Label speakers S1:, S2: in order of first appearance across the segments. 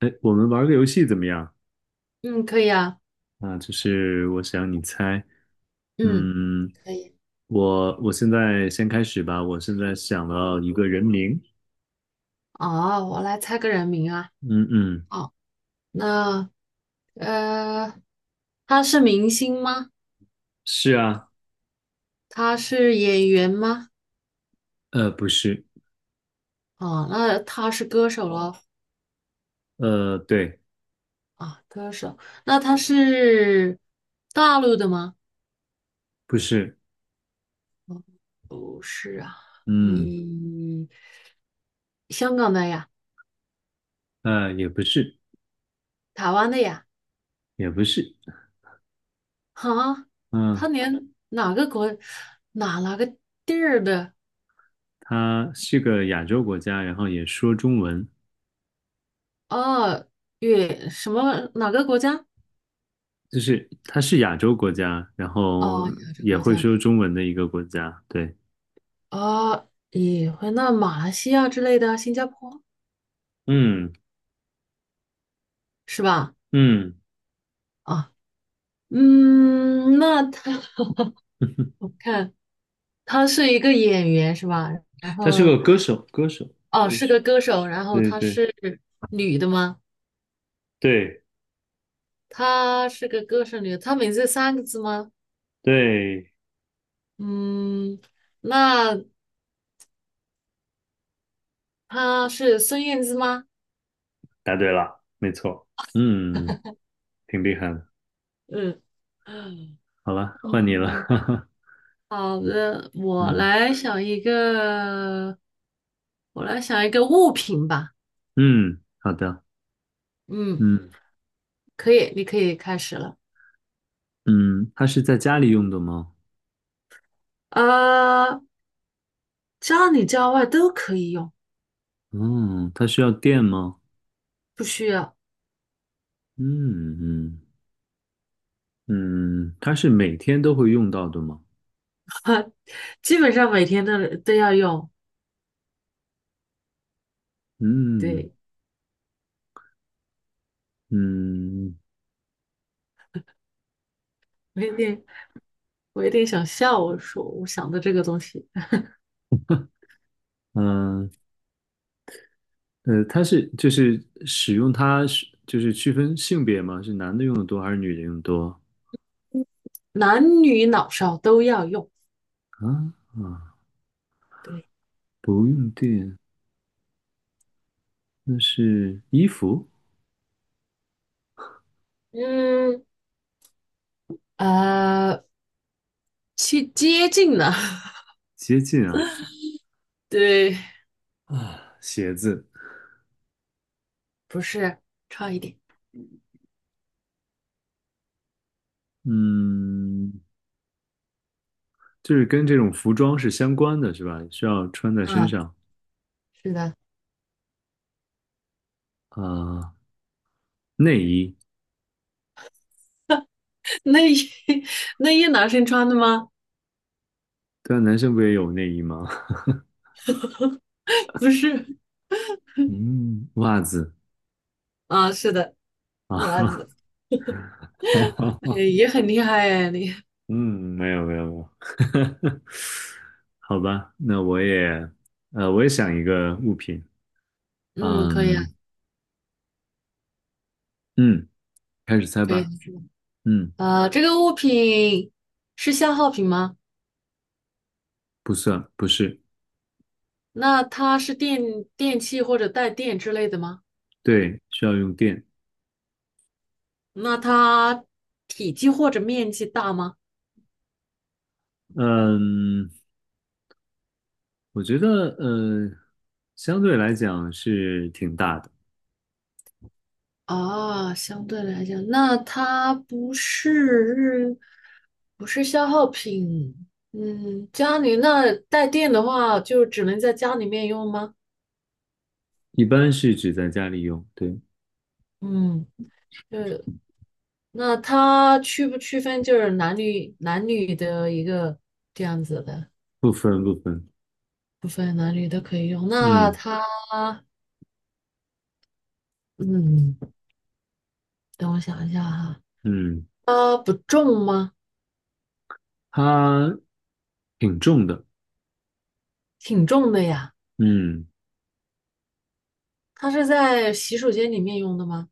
S1: 哎，我们玩个游戏怎么样？
S2: 嗯，可以啊。
S1: 啊，就是我想你猜，
S2: 嗯，
S1: 嗯，
S2: 可以。
S1: 我现在先开始吧。我现在想到一个人名，
S2: 哦，我来猜个人名啊。
S1: 嗯嗯，
S2: 哦，那呃，他是明星吗？
S1: 是啊，
S2: 他是演员吗？
S1: 不是，
S2: 哦，那他是歌手咯。
S1: 对，
S2: 啊，歌手。那他是大陆的吗？
S1: 不是，
S2: 不是啊。
S1: 嗯，
S2: 咦，香港的呀？
S1: 也不是，
S2: 台湾的呀？
S1: 也不是，
S2: 哈，
S1: 嗯，
S2: 他连哪个国，哪个地儿的？
S1: 他是个亚洲国家，然后也说中文，
S2: 哦，越什么哪个国家？
S1: 就是他是亚洲国家，然后
S2: 哦，亚洲
S1: 也
S2: 国
S1: 会
S2: 家。
S1: 说中文的一个国家，对，
S2: 啊，也会那马来西亚之类的，新加坡
S1: 嗯
S2: 是吧？
S1: 嗯，
S2: 啊，嗯，那他， 我看他是一个演员是吧？然
S1: 他是
S2: 后
S1: 个歌手，歌手，
S2: 哦，
S1: 歌
S2: 是
S1: 手。
S2: 个歌手，然后
S1: 对
S2: 她
S1: 对
S2: 是女的吗？
S1: 对
S2: 她是个歌手女的，她名字三个字吗？
S1: 对，
S2: 嗯，那她是孙燕姿吗？
S1: 答对了，没错。嗯，挺厉害的。
S2: 嗯嗯，
S1: 好了，换你了。
S2: 好的，我
S1: 嗯
S2: 来想一个，我来想一个物品吧。
S1: 嗯，好的。
S2: 嗯，
S1: 嗯
S2: 可以，你可以开始了。
S1: 嗯，它是在家里用的吗？
S2: 啊，家里家外都可以用。
S1: 嗯，它需要电吗？
S2: 不需要。
S1: 嗯嗯嗯，它是每天都会用到的吗？
S2: 啊，基本上每天都都要用。
S1: 嗯
S2: 对。
S1: 嗯
S2: 我有点，我有点想笑，我说我想的这个东西，
S1: 嗯它是就是使用它是就是区分性别吗？是男的用的多还是女的用的多？
S2: 男女老少都要用。
S1: 啊啊，
S2: 对。
S1: 不用电。那是衣服，
S2: 嗯，啊，去接近了。
S1: 接近啊
S2: 对。
S1: 啊，鞋子，
S2: 不是，差一点。
S1: 嗯，就是跟这种服装是相关的，是吧？需要穿在身
S2: 嗯，
S1: 上
S2: 是的。
S1: 啊，内衣，
S2: 内衣 内衣男生 穿的吗？
S1: 对啊，男生不也有内衣吗？
S2: 不是。
S1: 嗯，袜子
S2: 啊，是的，袜
S1: 啊，
S2: 子。哎，也很厉害哎，你。
S1: 嗯，没有没有没有，好吧，那我也，呃，我也想一个物品，
S2: 嗯，可以啊。
S1: 嗯嗯，开始猜
S2: 可以。
S1: 吧，嗯，
S2: 啊，这个物品是消耗品吗？
S1: 不算，不是，
S2: 那它是电，电器或者带电之类的吗？
S1: 对，需要用电，
S2: 那它体积或者面积大吗？
S1: 嗯。我觉得，相对来讲是挺大的，
S2: 啊，相对来讲，那它不是，不是消耗品。嗯，家里那带电的话，就只能在家里面用吗？
S1: 一般是只在家里用，对，
S2: 嗯。就是那它区不区分就是男女男女的一个这样子的？
S1: 不分不分，
S2: 不分男女都可以用。那
S1: 嗯
S2: 它，嗯，等我想一下哈，
S1: 嗯，
S2: 它不重吗？
S1: 它挺重的，
S2: 挺重的呀。
S1: 嗯，
S2: 它是在洗手间里面用的吗？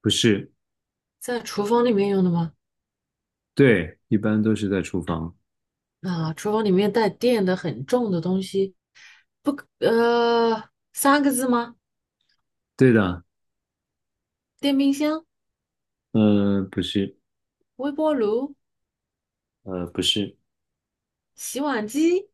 S1: 不是，
S2: 在厨房里面用的吗？
S1: 对，一般都是在厨房，
S2: 啊，厨房里面带电的很重的东西，不可，三个字吗？
S1: 对的，
S2: 电冰箱、
S1: 不是，
S2: 微波炉、
S1: 不是，
S2: 洗碗机、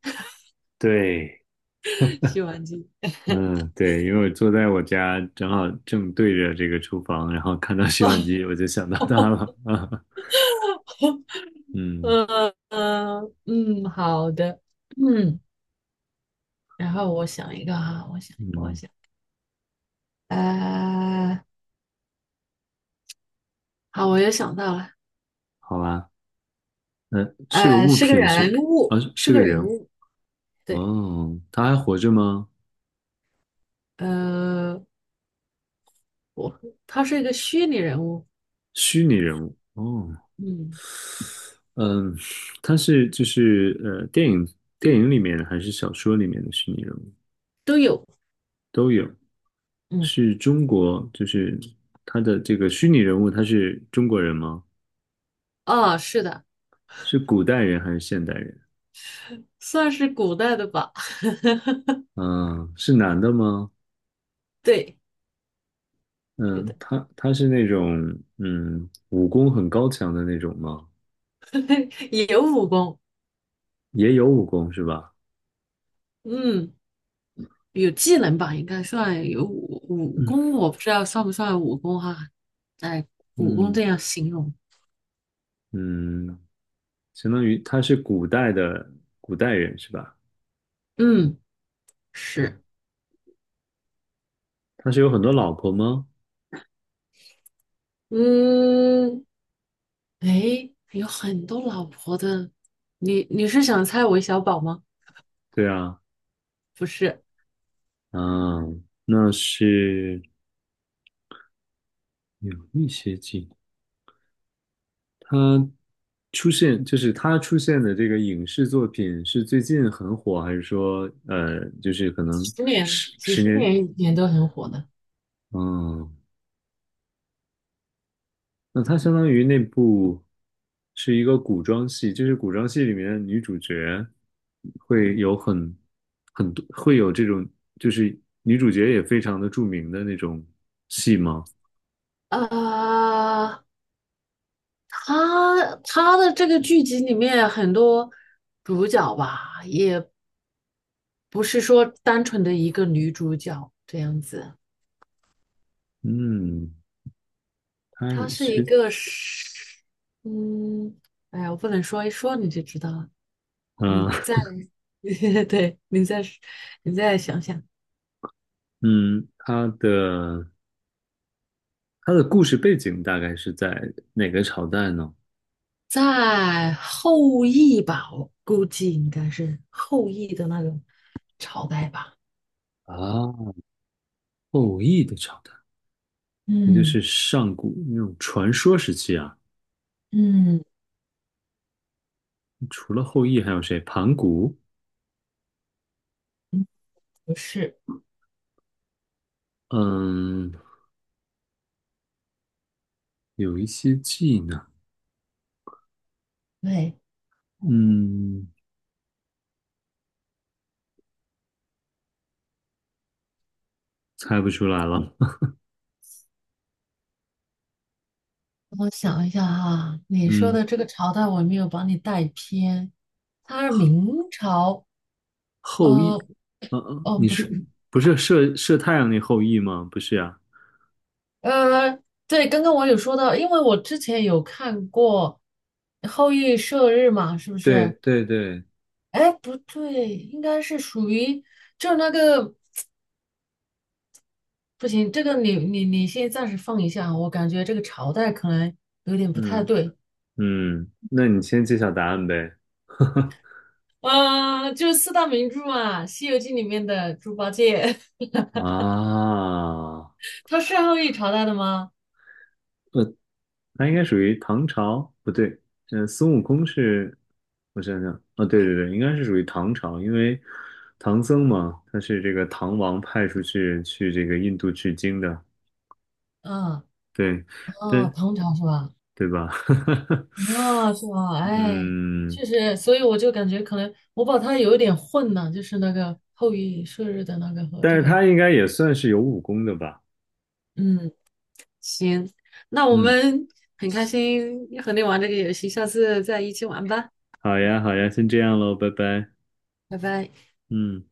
S1: 对，
S2: 洗碗机。
S1: 嗯，对，因为我坐在我家，正好正对着这个厨房，然后看到洗碗机，我就想到它了，嗯
S2: 好的。嗯，然后我想一个哈，我想一个，我
S1: 嗯，
S2: 想，呃，好，我又想到了。
S1: 好吧。嗯，是个
S2: 呃，
S1: 物
S2: 是个
S1: 品是，
S2: 人
S1: 啊，
S2: 物，是
S1: 是个
S2: 个
S1: 人。
S2: 人物。对。
S1: 哦，他还活着吗？
S2: 呃，我他是一个虚拟人物。
S1: 虚拟人物哦，
S2: 嗯，
S1: 嗯，他是就是电影里面还是小说里面的虚拟人物？
S2: 都有。
S1: 都有，
S2: 嗯，
S1: 是中国就是他的这个虚拟人物，他是中国人吗？
S2: 啊，是的，
S1: 是古代人还是现代人？
S2: 算是古代的吧。
S1: 嗯，是男的吗？
S2: 对，是
S1: 嗯，
S2: 的。
S1: 他是那种武功很高强的那种吗？
S2: 也有武功。
S1: 也有武功是吧？
S2: 嗯，有技能吧，应该算有武武
S1: 嗯
S2: 功，我不知道算不算武功哈。哎，武功
S1: 嗯
S2: 这样形容。
S1: 嗯。相当于他是古代的古代人是吧？
S2: 嗯，是。
S1: 他是有很多老婆吗？
S2: 嗯，哎，有很多老婆的。你是想猜韦小宝吗？
S1: 对啊，
S2: 不是。
S1: 嗯，那是有一些近。他出现就是他出现的这个影视作品是最近很火，还是说就是可
S2: 几
S1: 能
S2: 十年，
S1: 十
S2: 几
S1: 十
S2: 十
S1: 年？
S2: 年以前都很火的。
S1: 嗯，那它相当于那部是一个古装戏，就是古装戏里面的女主角会有很多会有这种，就是女主角也非常的著名的那种戏吗？
S2: 啊，他的这个剧集里面很多主角吧，也不是说单纯的一个女主角这样子。
S1: 嗯，它
S2: 他
S1: 有
S2: 是一
S1: 些
S2: 个是，嗯，哎呀，我不能说，一说你就知道了。你
S1: 啊，
S2: 在。对，你再想想。
S1: 嗯，它的故事背景大概是在哪个朝代呢？
S2: 在后羿吧，我估计应该是后羿的那个朝代吧。
S1: 啊，后羿的朝代，那就
S2: 嗯
S1: 是上古那种传说时期啊。
S2: 嗯
S1: 除了后羿还有谁？盘古，
S2: 嗯，不是。
S1: 嗯。有一些技能，
S2: 对，
S1: 嗯，猜不出来了。
S2: 我想一下哈，你说
S1: 嗯，
S2: 的这个朝代我没有把你带偏。他是明朝。
S1: 后羿，
S2: 呃，哦，
S1: 你
S2: 不
S1: 是
S2: 是。
S1: 不是射太阳那后羿吗？不是呀。
S2: 呃，对，刚刚我有说到，因为我之前有看过《后羿射日》嘛，是不
S1: 对
S2: 是？
S1: 对对，
S2: 哎，不对，应该是属于就是那个不行，这个你先暂时放一下啊，我感觉这个朝代可能有点不太
S1: 嗯
S2: 对。
S1: 嗯，那你先揭晓答案呗。
S2: 啊，就是四大名著嘛，《西游记》里面的猪八戒。
S1: 啊，
S2: 他是后羿朝代的吗？
S1: 他应该属于唐朝，不对，嗯，孙悟空是，我想想，啊，对对对，应该是属于唐朝，因为唐僧嘛，他是这个唐王派出去去这个印度取经的，
S2: 啊
S1: 对，
S2: 啊,
S1: 但
S2: 唐朝是吧？
S1: 对吧？
S2: 啊，是吧？哎，
S1: 嗯，
S2: 确实，所以我就感觉可能我把它有一点混了，就是那个后羿射日的那个和
S1: 但
S2: 这
S1: 是
S2: 个。
S1: 他应该也算是有武功的吧？
S2: 嗯。行，那我
S1: 嗯，
S2: 们很开心和你玩这个游戏，下次再一起玩吧，
S1: 好呀，好呀，先这样喽，拜拜。
S2: 拜拜。
S1: 嗯。